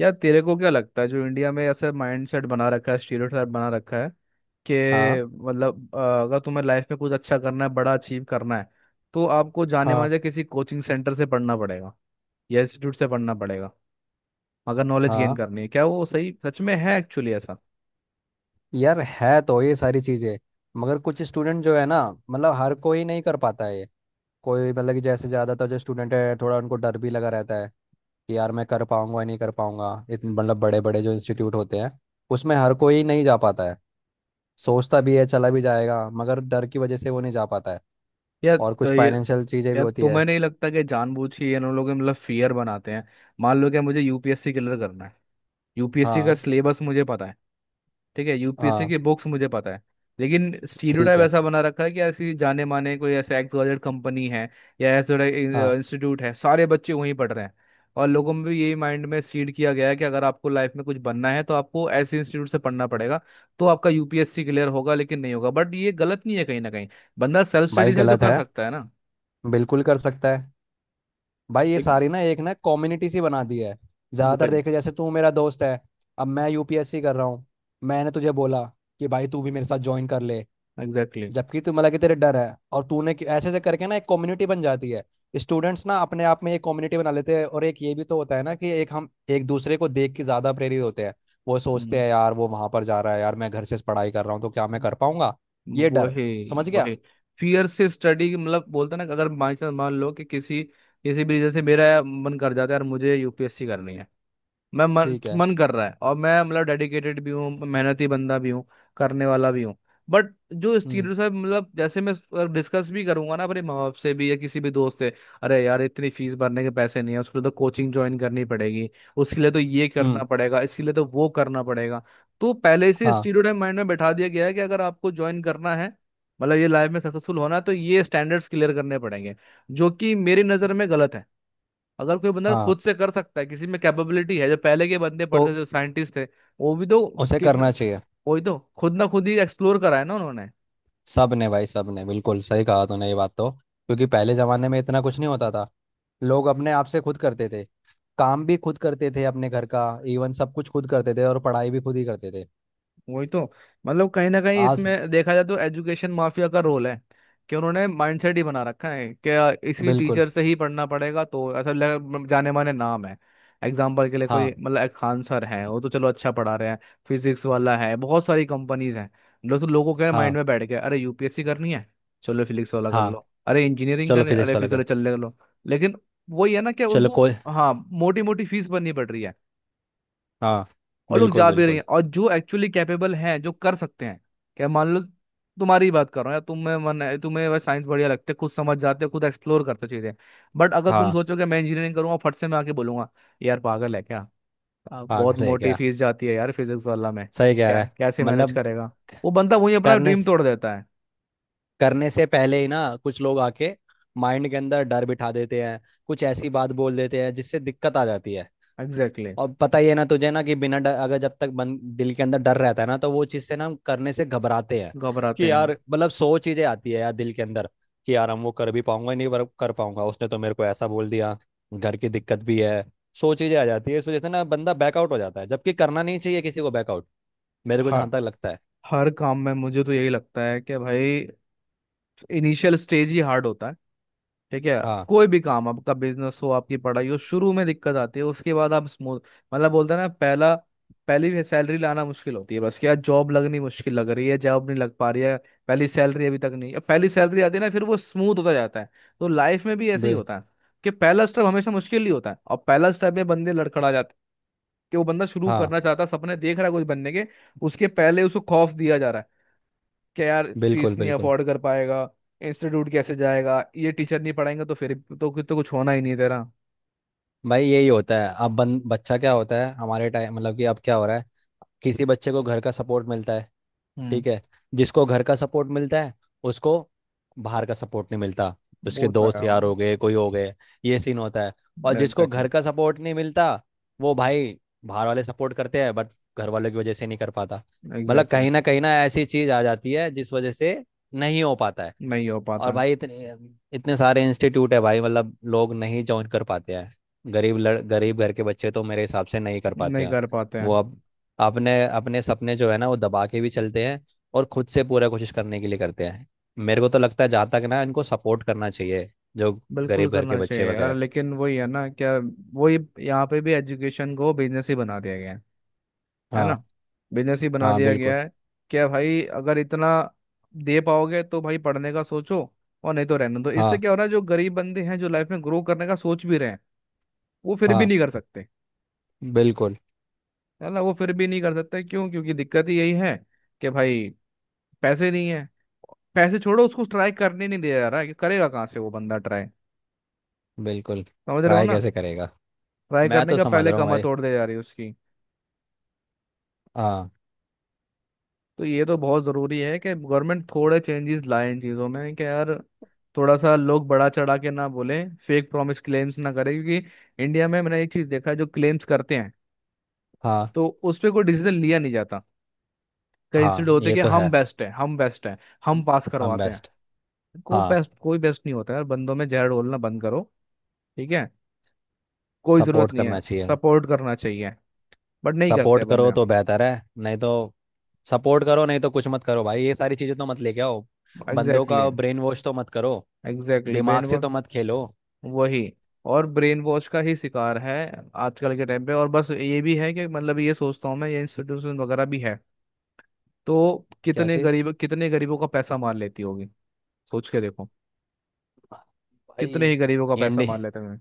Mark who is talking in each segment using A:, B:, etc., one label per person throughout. A: यार तेरे को क्या लगता है जो इंडिया में ऐसा माइंडसेट बना रखा है, स्टीरियोटाइप बना रखा है कि
B: हाँ
A: मतलब अगर तुम्हें लाइफ में कुछ अच्छा करना है, बड़ा अचीव करना है तो आपको जाने
B: हाँ
A: माने किसी कोचिंग सेंटर से पढ़ना पड़ेगा या इंस्टीट्यूट से पढ़ना पड़ेगा. अगर नॉलेज गेन
B: हाँ।
A: करनी है, क्या वो सही सच में है, एक्चुअली ऐसा?
B: यार है तो ये सारी चीजें, मगर कुछ स्टूडेंट जो है ना, मतलब हर कोई नहीं कर पाता है ये। कोई मतलब कि जैसे ज़्यादातर जो स्टूडेंट है, थोड़ा उनको डर भी लगा रहता है कि यार मैं कर पाऊंगा या नहीं कर पाऊंगा। इतने मतलब बड़े बड़े जो इंस्टीट्यूट होते हैं उसमें हर कोई नहीं जा पाता है। सोचता भी है, चला भी जाएगा, मगर डर की वजह से वो नहीं जा पाता है।
A: या
B: और कुछ
A: तो ये
B: फाइनेंशियल चीज़ें भी
A: या
B: होती है।
A: तुम्हें नहीं लगता कि जानबूझ के ये इन लोग मतलब फियर बनाते हैं. मान लो कि मुझे यूपीएससी क्लियर करना है. यूपीएससी का
B: हाँ
A: सिलेबस मुझे पता है. ठीक है, यूपीएससी
B: हाँ,
A: की बुक्स मुझे पता है. लेकिन
B: ठीक
A: स्टीरियोटाइप
B: है।
A: ऐसा बना रखा है कि ऐसी जाने माने कोई ऐसे एक्सवाइजेड कंपनी है या ऐसा
B: हाँ,
A: इंस्टीट्यूट है, सारे बच्चे वहीं पढ़ रहे हैं. और लोगों में भी यही माइंड में सीड किया गया है कि अगर आपको लाइफ में कुछ बनना है तो आपको ऐसे इंस्टीट्यूट से पढ़ना पड़ेगा तो आपका यूपीएससी क्लियर होगा, लेकिन नहीं होगा. बट ये गलत नहीं है कहीं ना कहीं. बंदा सेल्फ स्टडी
B: भाई
A: से भी तो
B: गलत
A: कर
B: है।
A: सकता है ना.
B: बिल्कुल कर सकता है। भाई ये
A: लेकिन
B: सारी ना एक ना कम्युनिटी सी बना दी है। ज्यादातर
A: वही.
B: देखे जैसे तू मेरा दोस्त है, अब मैं यूपीएससी कर रहा हूँ, मैंने तुझे बोला कि भाई तू भी मेरे साथ ज्वाइन कर ले।
A: एग्जैक्टली.
B: जबकि तू मतलब कि तेरे डर है, और तूने ऐसे ऐसे करके ना एक कम्युनिटी बन जाती है। स्टूडेंट्स ना अपने आप में एक कम्युनिटी बना लेते हैं, और एक ये भी तो होता है ना कि एक हम एक दूसरे को देख के ज्यादा प्रेरित होते हैं। वो सोचते
A: हम्म.
B: हैं यार वो वहां पर जा रहा है, यार मैं घर से पढ़ाई कर रहा हूँ, तो क्या मैं कर पाऊंगा। ये डर।
A: वही
B: समझ गया।
A: वही. फियर से स्टडी, मतलब बोलते हैं ना कि अगर बाई चांस मान लो कि किसी किसी भी रीजन से मेरा मन कर जाता है यार मुझे यूपीएससी करनी है. मैं मन
B: ठीक है।
A: मन कर रहा है और मैं मतलब डेडिकेटेड भी हूँ, मेहनती बंदा भी हूँ, करने वाला भी हूँ. बट जो
B: हम्म
A: स्टीरियो है, मतलब जैसे मैं डिस्कस भी करूंगा ना अपने माँ बाप से भी या किसी भी दोस्त से, अरे यार इतनी फीस भरने के पैसे नहीं है. उसके लिए तो कोचिंग ज्वाइन करनी पड़ेगी, उसके लिए तो ये
B: हम्म।
A: करना पड़ेगा, इसके लिए तो वो करना पड़ेगा. तो पहले से
B: हाँ
A: स्टीरियो माइंड में बैठा दिया गया है कि अगर आपको ज्वाइन करना है, मतलब ये लाइफ में सक्सेसफुल होना है तो ये स्टैंडर्ड्स क्लियर करने पड़ेंगे, जो कि मेरी नज़र में गलत है. अगर कोई बंदा
B: हाँ,
A: खुद से कर सकता है, किसी में कैपेबिलिटी है, जो पहले के बंदे
B: तो
A: पढ़ते थे जो साइंटिस्ट थे, वो भी तो
B: उसे
A: कितना.
B: करना चाहिए।
A: वही तो खुद ना खुद ही एक्सप्लोर करा है ना उन्होंने.
B: सब ने भाई, सब ने बिल्कुल सही कहा तूने ये बात, तो क्योंकि पहले जमाने में इतना कुछ नहीं होता था। लोग अपने आप से खुद करते थे, काम भी खुद करते थे अपने घर का, इवन सब कुछ खुद करते थे, और पढ़ाई भी खुद ही करते थे।
A: वही तो. मतलब कहीं ना कहीं
B: आज।
A: इसमें देखा जाए तो एजुकेशन माफिया का रोल है कि उन्होंने माइंडसेट ही बना रखा है कि इसी
B: बिल्कुल।
A: टीचर से ही पढ़ना पड़ेगा तो ऐसा जाने माने नाम है. एग्जाम्पल के लिए, कोई
B: हाँ
A: मतलब, एक खान सर है वो तो चलो अच्छा पढ़ा रहे हैं. फिजिक्स वाला है, बहुत सारी कंपनीज हैं. मतलब तो लोगों के माइंड
B: हाँ
A: में बैठ गया, अरे यूपीएससी करनी है चलो फिजिक्स वाला कर
B: हाँ।
A: लो, अरे इंजीनियरिंग
B: चलो
A: करनी है,
B: फिजिक्स
A: अरे
B: वाला
A: फिजिक्स वाला
B: कर।
A: चल ले कर लो. लेकिन वही है ना कि
B: चलो
A: उनको
B: कोई।
A: हाँ मोटी मोटी फीस भरनी पड़ रही है
B: हाँ
A: और लोग
B: बिल्कुल
A: जा भी रही
B: बिल्कुल।
A: हैं. और जो एक्चुअली कैपेबल हैं जो कर सकते हैं, क्या मान लो, तुम्हारी ही बात कर रहा हूँ, या तुम्हें मन है, तुम्हें वह साइंस बढ़िया लगते है, खुद समझ जाते हो, खुद एक्सप्लोर करते हो चीजें. बट अगर तुम
B: हाँ
A: सोचो कि मैं इंजीनियरिंग करूंगा, फट से मैं आके बोलूंगा, यार पागल है क्या,
B: हाँ,
A: बहुत
B: सही
A: मोटी
B: क्या,
A: फीस जाती है यार फिजिक्स वाला में.
B: सही कह
A: क्या,
B: रहा है।
A: कैसे मैनेज
B: मतलब
A: करेगा. वो बंदा वही अपना
B: करने
A: ड्रीम
B: से
A: तोड़ देता है.
B: करने से पहले ही ना कुछ लोग आके माइंड के अंदर डर बिठा देते हैं, कुछ ऐसी बात बोल देते हैं जिससे दिक्कत आ जाती है।
A: Exactly exactly.
B: और पता ही है ना तुझे ना कि बिना डर, अगर जब तक दिल के अंदर डर रहता है ना, तो वो चीज़ से ना हम करने से घबराते हैं,
A: घबराते
B: कि यार
A: हैं.
B: मतलब सौ चीज़ें आती है यार दिल के अंदर, कि यार हम वो कर भी पाऊंगा नहीं, पर कर पाऊंगा, उसने तो मेरे को ऐसा बोल दिया, घर की दिक्कत भी है। सौ चीज़ें आ जाती है, इस वजह से ना बंदा बैकआउट हो जाता है, जबकि करना नहीं चाहिए किसी को बैकआउट। मेरे को
A: हर
B: जहाँ तक लगता है।
A: हर काम में मुझे तो यही लगता है कि भाई इनिशियल स्टेज ही हार्ड होता है. ठीक है.
B: हाँ
A: कोई भी काम आपका, बिजनेस हो आपकी पढ़ाई हो, शुरू में दिक्कत आती है, उसके बाद आप स्मूथ. मतलब बोलते हैं ना, पहला पहली सैलरी लाना मुश्किल होती है, बस क्या जॉब लगनी मुश्किल लग रही है, जॉब नहीं लग पा रही है, पहली सैलरी अभी तक नहीं. अब पहली सैलरी आती है ना फिर वो स्मूथ होता जाता है. तो लाइफ में भी ऐसा ही
B: बिल
A: होता है कि पहला स्टेप हमेशा मुश्किल ही होता है और पहला स्टेप में बंदे लड़खड़ा जाते हैं. कि वो बंदा शुरू
B: हाँ
A: करना चाहता है, सपने देख रहा है कुछ बनने के, उसके पहले उसको खौफ दिया जा रहा है कि यार फीस
B: बिल्कुल
A: नहीं
B: बिल्कुल।
A: अफोर्ड कर पाएगा, इंस्टीट्यूट कैसे जाएगा, ये टीचर नहीं पढ़ाएंगे, तो कुछ होना ही नहीं तेरा.
B: भाई यही होता है अब बन बच्चा क्या होता है हमारे टाइम, मतलब कि अब क्या हो रहा है। किसी बच्चे को घर का सपोर्ट मिलता है,
A: हम्म.
B: ठीक है। जिसको घर का सपोर्ट मिलता है उसको बाहर का सपोर्ट नहीं मिलता। उसके
A: वो तो
B: दोस्त
A: है.
B: यार हो गए, कोई हो गए, ये सीन होता है। और जिसको
A: एग्जैक्टली.
B: घर का सपोर्ट नहीं मिलता वो भाई बाहर वाले सपोर्ट करते हैं, बट घर वालों की वजह से नहीं कर पाता। मतलब
A: एग्जैक्टली.
B: कहीं ना ऐसी चीज आ जाती है जिस वजह से नहीं हो पाता है।
A: नहीं हो पाता
B: और
A: है.
B: भाई इतने इतने सारे इंस्टीट्यूट है भाई, मतलब लोग नहीं ज्वाइन कर पाते हैं। गरीब लड़ गरीब घर के बच्चे तो मेरे हिसाब से नहीं कर पाते
A: नहीं
B: हैं।
A: कर पाते
B: वो
A: हैं.
B: अब अपने अपने सपने जो है ना वो दबा के भी चलते हैं, और खुद से पूरा कोशिश करने के लिए करते हैं। मेरे को तो लगता है जहाँ तक ना इनको सपोर्ट करना चाहिए, जो
A: बिल्कुल
B: गरीब घर के
A: करना चाहिए
B: बच्चे
A: यार,
B: वगैरह।
A: लेकिन वही है ना क्या. वही. यहाँ पे भी एजुकेशन को बिजनेस ही बना दिया गया है ना.
B: हाँ
A: बिजनेस ही बना
B: हाँ
A: दिया गया
B: बिल्कुल।
A: है. क्या भाई अगर इतना दे पाओगे तो भाई पढ़ने का सोचो, और नहीं तो रहने दो. इससे
B: हाँ
A: क्या हो रहा है, जो गरीब बंदे हैं जो लाइफ में ग्रो करने का सोच भी रहे हैं, वो फिर भी
B: हाँ
A: नहीं कर सकते.
B: बिल्कुल
A: है ना, वो फिर भी नहीं कर सकते. क्यों? क्योंकि दिक्कत ही यही है कि भाई पैसे नहीं है. पैसे छोड़ो, उसको ट्राई करने नहीं दिया जा रहा है. कि करेगा कहाँ से वो बंदा ट्राई.
B: बिल्कुल।
A: समझ रहे हो
B: ट्राई
A: ना.
B: कैसे करेगा।
A: ट्राई
B: मैं
A: करने
B: तो
A: का
B: समझ
A: पहले
B: रहा हूँ
A: कमर
B: भाई।
A: तोड़ दे जा रही है उसकी.
B: हाँ
A: तो ये तो बहुत ज़रूरी है कि गवर्नमेंट थोड़े चेंजेस लाए इन चीज़ों में कि यार थोड़ा सा लोग बड़ा चढ़ा के ना बोले, फेक प्रॉमिस क्लेम्स ना करें. क्योंकि इंडिया में मैंने एक चीज़ देखा है, जो क्लेम्स करते हैं
B: हाँ
A: तो उस पर कोई डिसीजन लिया नहीं जाता. कई इंस्टीट्यूट
B: हाँ,
A: होते हैं
B: ये
A: कि
B: तो है।
A: हम बेस्ट हैं, हम बेस्ट हैं, हम पास
B: हम
A: करवाते
B: बेस्ट।
A: हैं. कोई
B: हाँ
A: बेस्ट, कोई बेस्ट नहीं होता यार. बंदों में जहर घोलना बंद करो. ठीक है. कोई जरूरत
B: सपोर्ट
A: नहीं है.
B: करना चाहिए।
A: सपोर्ट करना चाहिए, बट नहीं करते
B: सपोर्ट करो
A: बंदे.
B: तो बेहतर है, नहीं तो, सपोर्ट करो नहीं तो कुछ मत करो भाई, ये सारी चीज़ें तो मत लेके आओ। बंदों
A: एग्जैक्टली.
B: का ब्रेन वॉश तो मत करो।
A: एग्जैक्टली ब्रेन
B: दिमाग से
A: वॉश.
B: तो मत खेलो।
A: वही. और ब्रेन वॉश का ही शिकार है आजकल के टाइम पे. और बस ये भी है कि मतलब ये सोचता हूँ मैं, ये इंस्टीट्यूशन वगैरह भी है तो
B: क्या
A: कितने
B: चीज़।
A: गरीब, कितने गरीबों का पैसा मार लेती होगी. सोच के देखो,
B: भाई
A: कितने ही गरीबों का पैसा
B: इंडिया
A: मार लेते हैं.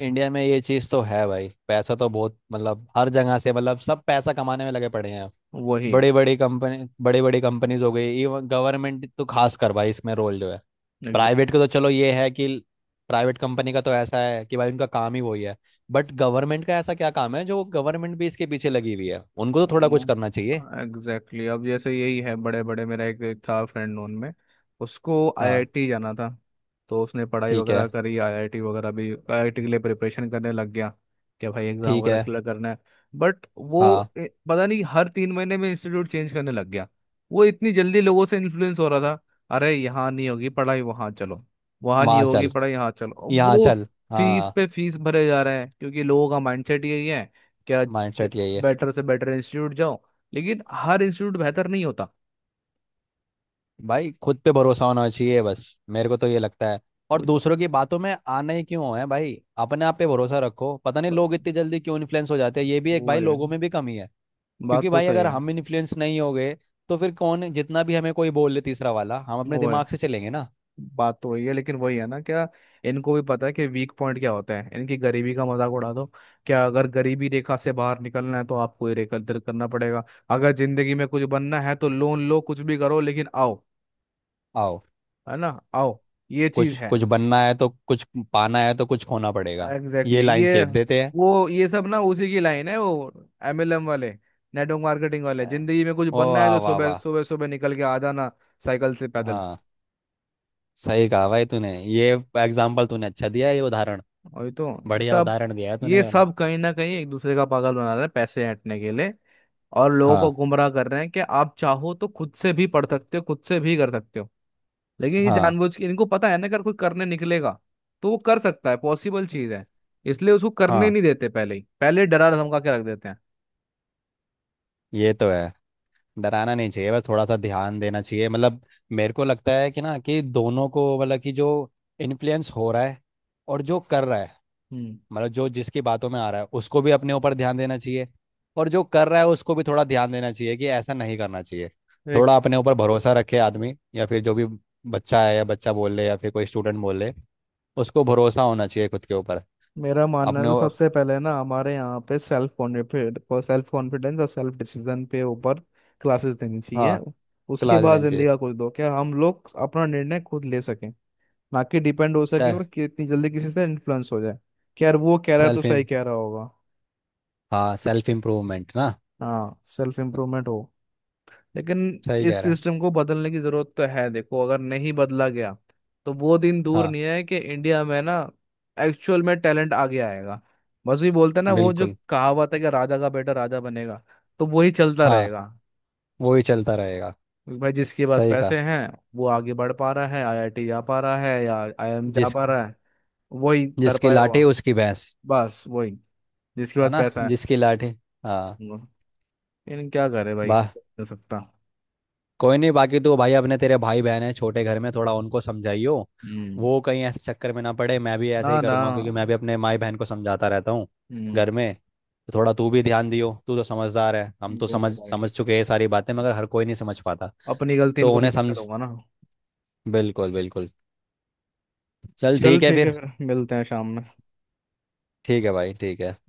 B: इंडिया में ये चीज़ तो है भाई, पैसा तो बहुत मतलब हर जगह से, मतलब सब पैसा कमाने में लगे पड़े हैं।
A: वही.
B: बड़े बड़े कंपनी, बड़े बड़े कंपनीज हो गई, इवन गवर्नमेंट तो खास कर भाई इसमें रोल जो है। प्राइवेट का तो चलो ये है कि प्राइवेट कंपनी का तो ऐसा है कि भाई उनका काम ही वही है। बट गवर्नमेंट का ऐसा क्या काम है जो गवर्नमेंट भी इसके पीछे लगी हुई है, उनको तो थोड़ा कुछ करना चाहिए।
A: Exactly exactly. अब जैसे यही है बड़े बड़े, मेरा एक एक था फ्रेंड नोन में. उसको
B: हाँ।
A: आईआईटी जाना था. तो उसने पढ़ाई
B: ठीक
A: वगैरह
B: है।
A: करी, आईआईटी वगैरह भी, आईआईटी के लिए प्रिपरेशन करने लग गया कि भाई एग्जाम
B: ठीक
A: वगैरह
B: है।
A: क्लियर करना है. बट
B: हाँ।
A: वो पता नहीं हर 3 महीने में इंस्टीट्यूट चेंज करने लग गया. वो इतनी जल्दी लोगों से इन्फ्लुएंस हो रहा था, अरे यहाँ नहीं होगी पढ़ाई वहाँ चलो, वहाँ नहीं
B: वहाँ
A: होगी
B: चल,
A: पढ़ाई यहाँ चलो, और
B: यहाँ
A: वो
B: चल।
A: फीस
B: हाँ,
A: पे फीस भरे जा रहे हैं क्योंकि लोगों का माइंडसेट यही है. क्या,
B: माइंडसेट यही है।
A: बेटर से बेटर इंस्टीट्यूट जाओ, लेकिन हर इंस्टीट्यूट बेहतर नहीं होता.
B: भाई खुद पे भरोसा होना चाहिए बस, मेरे को तो ये लगता है। और
A: वो जो-
B: दूसरों की बातों में आने क्यों है भाई, अपने आप पे भरोसा रखो। पता नहीं लोग इतनी जल्दी क्यों इन्फ्लुएंस हो जाते हैं, ये भी एक
A: वो
B: भाई
A: है.
B: लोगों में भी कमी है।
A: बात
B: क्योंकि
A: तो
B: भाई
A: सही
B: अगर
A: है.
B: हम इन्फ्लुएंस नहीं हो गए, तो फिर कौन जितना भी हमें कोई बोल ले तीसरा वाला, हम अपने
A: वो है.
B: दिमाग से चलेंगे ना।
A: बात तो वही है, लेकिन वही है ना क्या. इनको भी पता है कि वीक पॉइंट क्या होता है, इनकी गरीबी का मजाक उड़ा दो. क्या, अगर गरीबी रेखा से बाहर निकलना है तो आपको ही रेखा दर करना पड़ेगा. अगर जिंदगी में कुछ बनना है तो लोन लो, कुछ भी करो, लेकिन आओ.
B: आओ।
A: है ना, आओ. ये
B: कुछ
A: चीज है.
B: कुछ बनना है तो कुछ, पाना है तो कुछ खोना पड़ेगा।
A: एग्जैक्टली
B: ये
A: exactly.
B: लाइन
A: ये.
B: शेप देते हैं।
A: वो ये सब ना उसी की लाइन है वो, एमएलएम वाले, नेटवर्क मार्केटिंग वाले, जिंदगी में कुछ
B: ओ
A: बनना है
B: वाह
A: तो
B: वाह
A: सुबह
B: वाह।
A: सुबह सुबह निकल के आ जाना साइकिल से पैदल.
B: हाँ सही कहा भाई तूने, ये एग्जाम्पल तूने अच्छा दिया है, ये उदाहरण,
A: और ये तो, ये
B: बढ़िया
A: सब,
B: उदाहरण दिया है तूने
A: ये
B: ये वाला।
A: सब कहीं ना कहीं एक दूसरे का पागल बना रहे हैं पैसे ऐंठने के लिए और लोगों को
B: हाँ
A: गुमराह कर रहे हैं कि आप चाहो तो खुद से भी पढ़ सकते हो, खुद से भी कर सकते हो. लेकिन ये
B: हाँ
A: जानबूझ के इनको पता है ना अगर कोई करने निकलेगा तो वो कर सकता है, पॉसिबल चीज है. इसलिए उसको करने
B: हाँ,
A: नहीं देते, पहले ही पहले डरा धमका के रख देते हैं.
B: ये तो है। डराना नहीं चाहिए, बस थोड़ा सा ध्यान देना चाहिए मतलब। मेरे को लगता है कि ना कि दोनों को, मतलब कि जो इन्फ्लुएंस हो रहा है और जो कर रहा है,
A: हम्म.
B: मतलब जो जिसकी बातों में आ रहा है उसको भी अपने ऊपर ध्यान देना चाहिए। और जो कर रहा है उसको भी थोड़ा ध्यान देना चाहिए कि ऐसा नहीं करना चाहिए। थोड़ा अपने ऊपर भरोसा रखे आदमी, या फिर जो भी बच्चा है, या बच्चा बोल ले, या फिर कोई स्टूडेंट बोल ले, उसको भरोसा होना चाहिए खुद के ऊपर।
A: मेरा मानना है
B: अपने
A: तो
B: ऊ-
A: सबसे पहले ना हमारे यहाँ पे सेल्फ कॉन्फिडेंस, सेल्फ कॉन्फिडेंस और सेल्फ डिसीजन पे ऊपर क्लासेस देनी चाहिए.
B: हाँ,
A: उसके
B: क्लास
A: बाद
B: देनी
A: जिंदगी
B: चाहिए।
A: का कुछ दो क्या, हम लोग अपना निर्णय खुद ले सकें, ना कि डिपेंड हो सके, और
B: सेल्फ
A: कितनी जल्दी किसी से इन्फ्लुएंस हो जाए कि यार वो कह रहा है तो
B: सेल्फ
A: सही कह रहा होगा.
B: हाँ, सेल्फ इम्प्रूवमेंट ना।
A: हाँ सेल्फ इम्प्रूवमेंट हो. लेकिन
B: सही कह
A: इस
B: रहा है।
A: सिस्टम को बदलने की जरूरत तो है. देखो, अगर नहीं बदला गया तो वो दिन दूर
B: हाँ
A: नहीं है कि इंडिया में ना एक्चुअल में टैलेंट आगे आएगा. बस भी बोलते हैं ना वो जो
B: बिल्कुल।
A: कहावत है कि राजा का बेटा राजा बनेगा, तो वही चलता
B: हाँ,
A: रहेगा.
B: वो ही चलता रहेगा।
A: भाई जिसके पास
B: सही कहा।
A: पैसे हैं वो आगे बढ़ पा रहा है, आईआईटी जा पा रहा है या आईआईएम जा
B: जिस,
A: पा रहा है. वही कर
B: जिसकी
A: पाया हुआ.
B: लाठी उसकी भैंस।
A: बस वही, जिसके
B: है
A: पास
B: ना,
A: पैसा है.
B: जिसकी लाठी। हाँ।
A: हम्म. लेकिन क्या करे भाई
B: वाह।
A: कर सकता.
B: कोई नहीं, बाकी तो भाई अपने, तेरे भाई बहन है छोटे घर में, थोड़ा उनको समझाइयो।
A: हम्म.
B: वो कहीं ऐसे चक्कर में ना पड़े। मैं भी ऐसे
A: ना
B: ही
A: ना.
B: करूँगा क्योंकि मैं भी अपने माई बहन को समझाता रहता हूँ घर
A: हम्म.
B: में। तो थोड़ा तू भी ध्यान दियो, तू तो समझदार है, हम तो
A: दूंगा
B: समझ
A: भाई,
B: समझ चुके हैं सारी बातें, मगर हर कोई नहीं समझ पाता,
A: अपनी गलती
B: तो
A: इनको नहीं
B: उन्हें
A: करने
B: समझ।
A: दूंगा ना.
B: बिल्कुल बिल्कुल। चल
A: चल
B: ठीक है
A: ठीक है
B: फिर।
A: फिर मिलते हैं शाम में.
B: ठीक है भाई, ठीक है।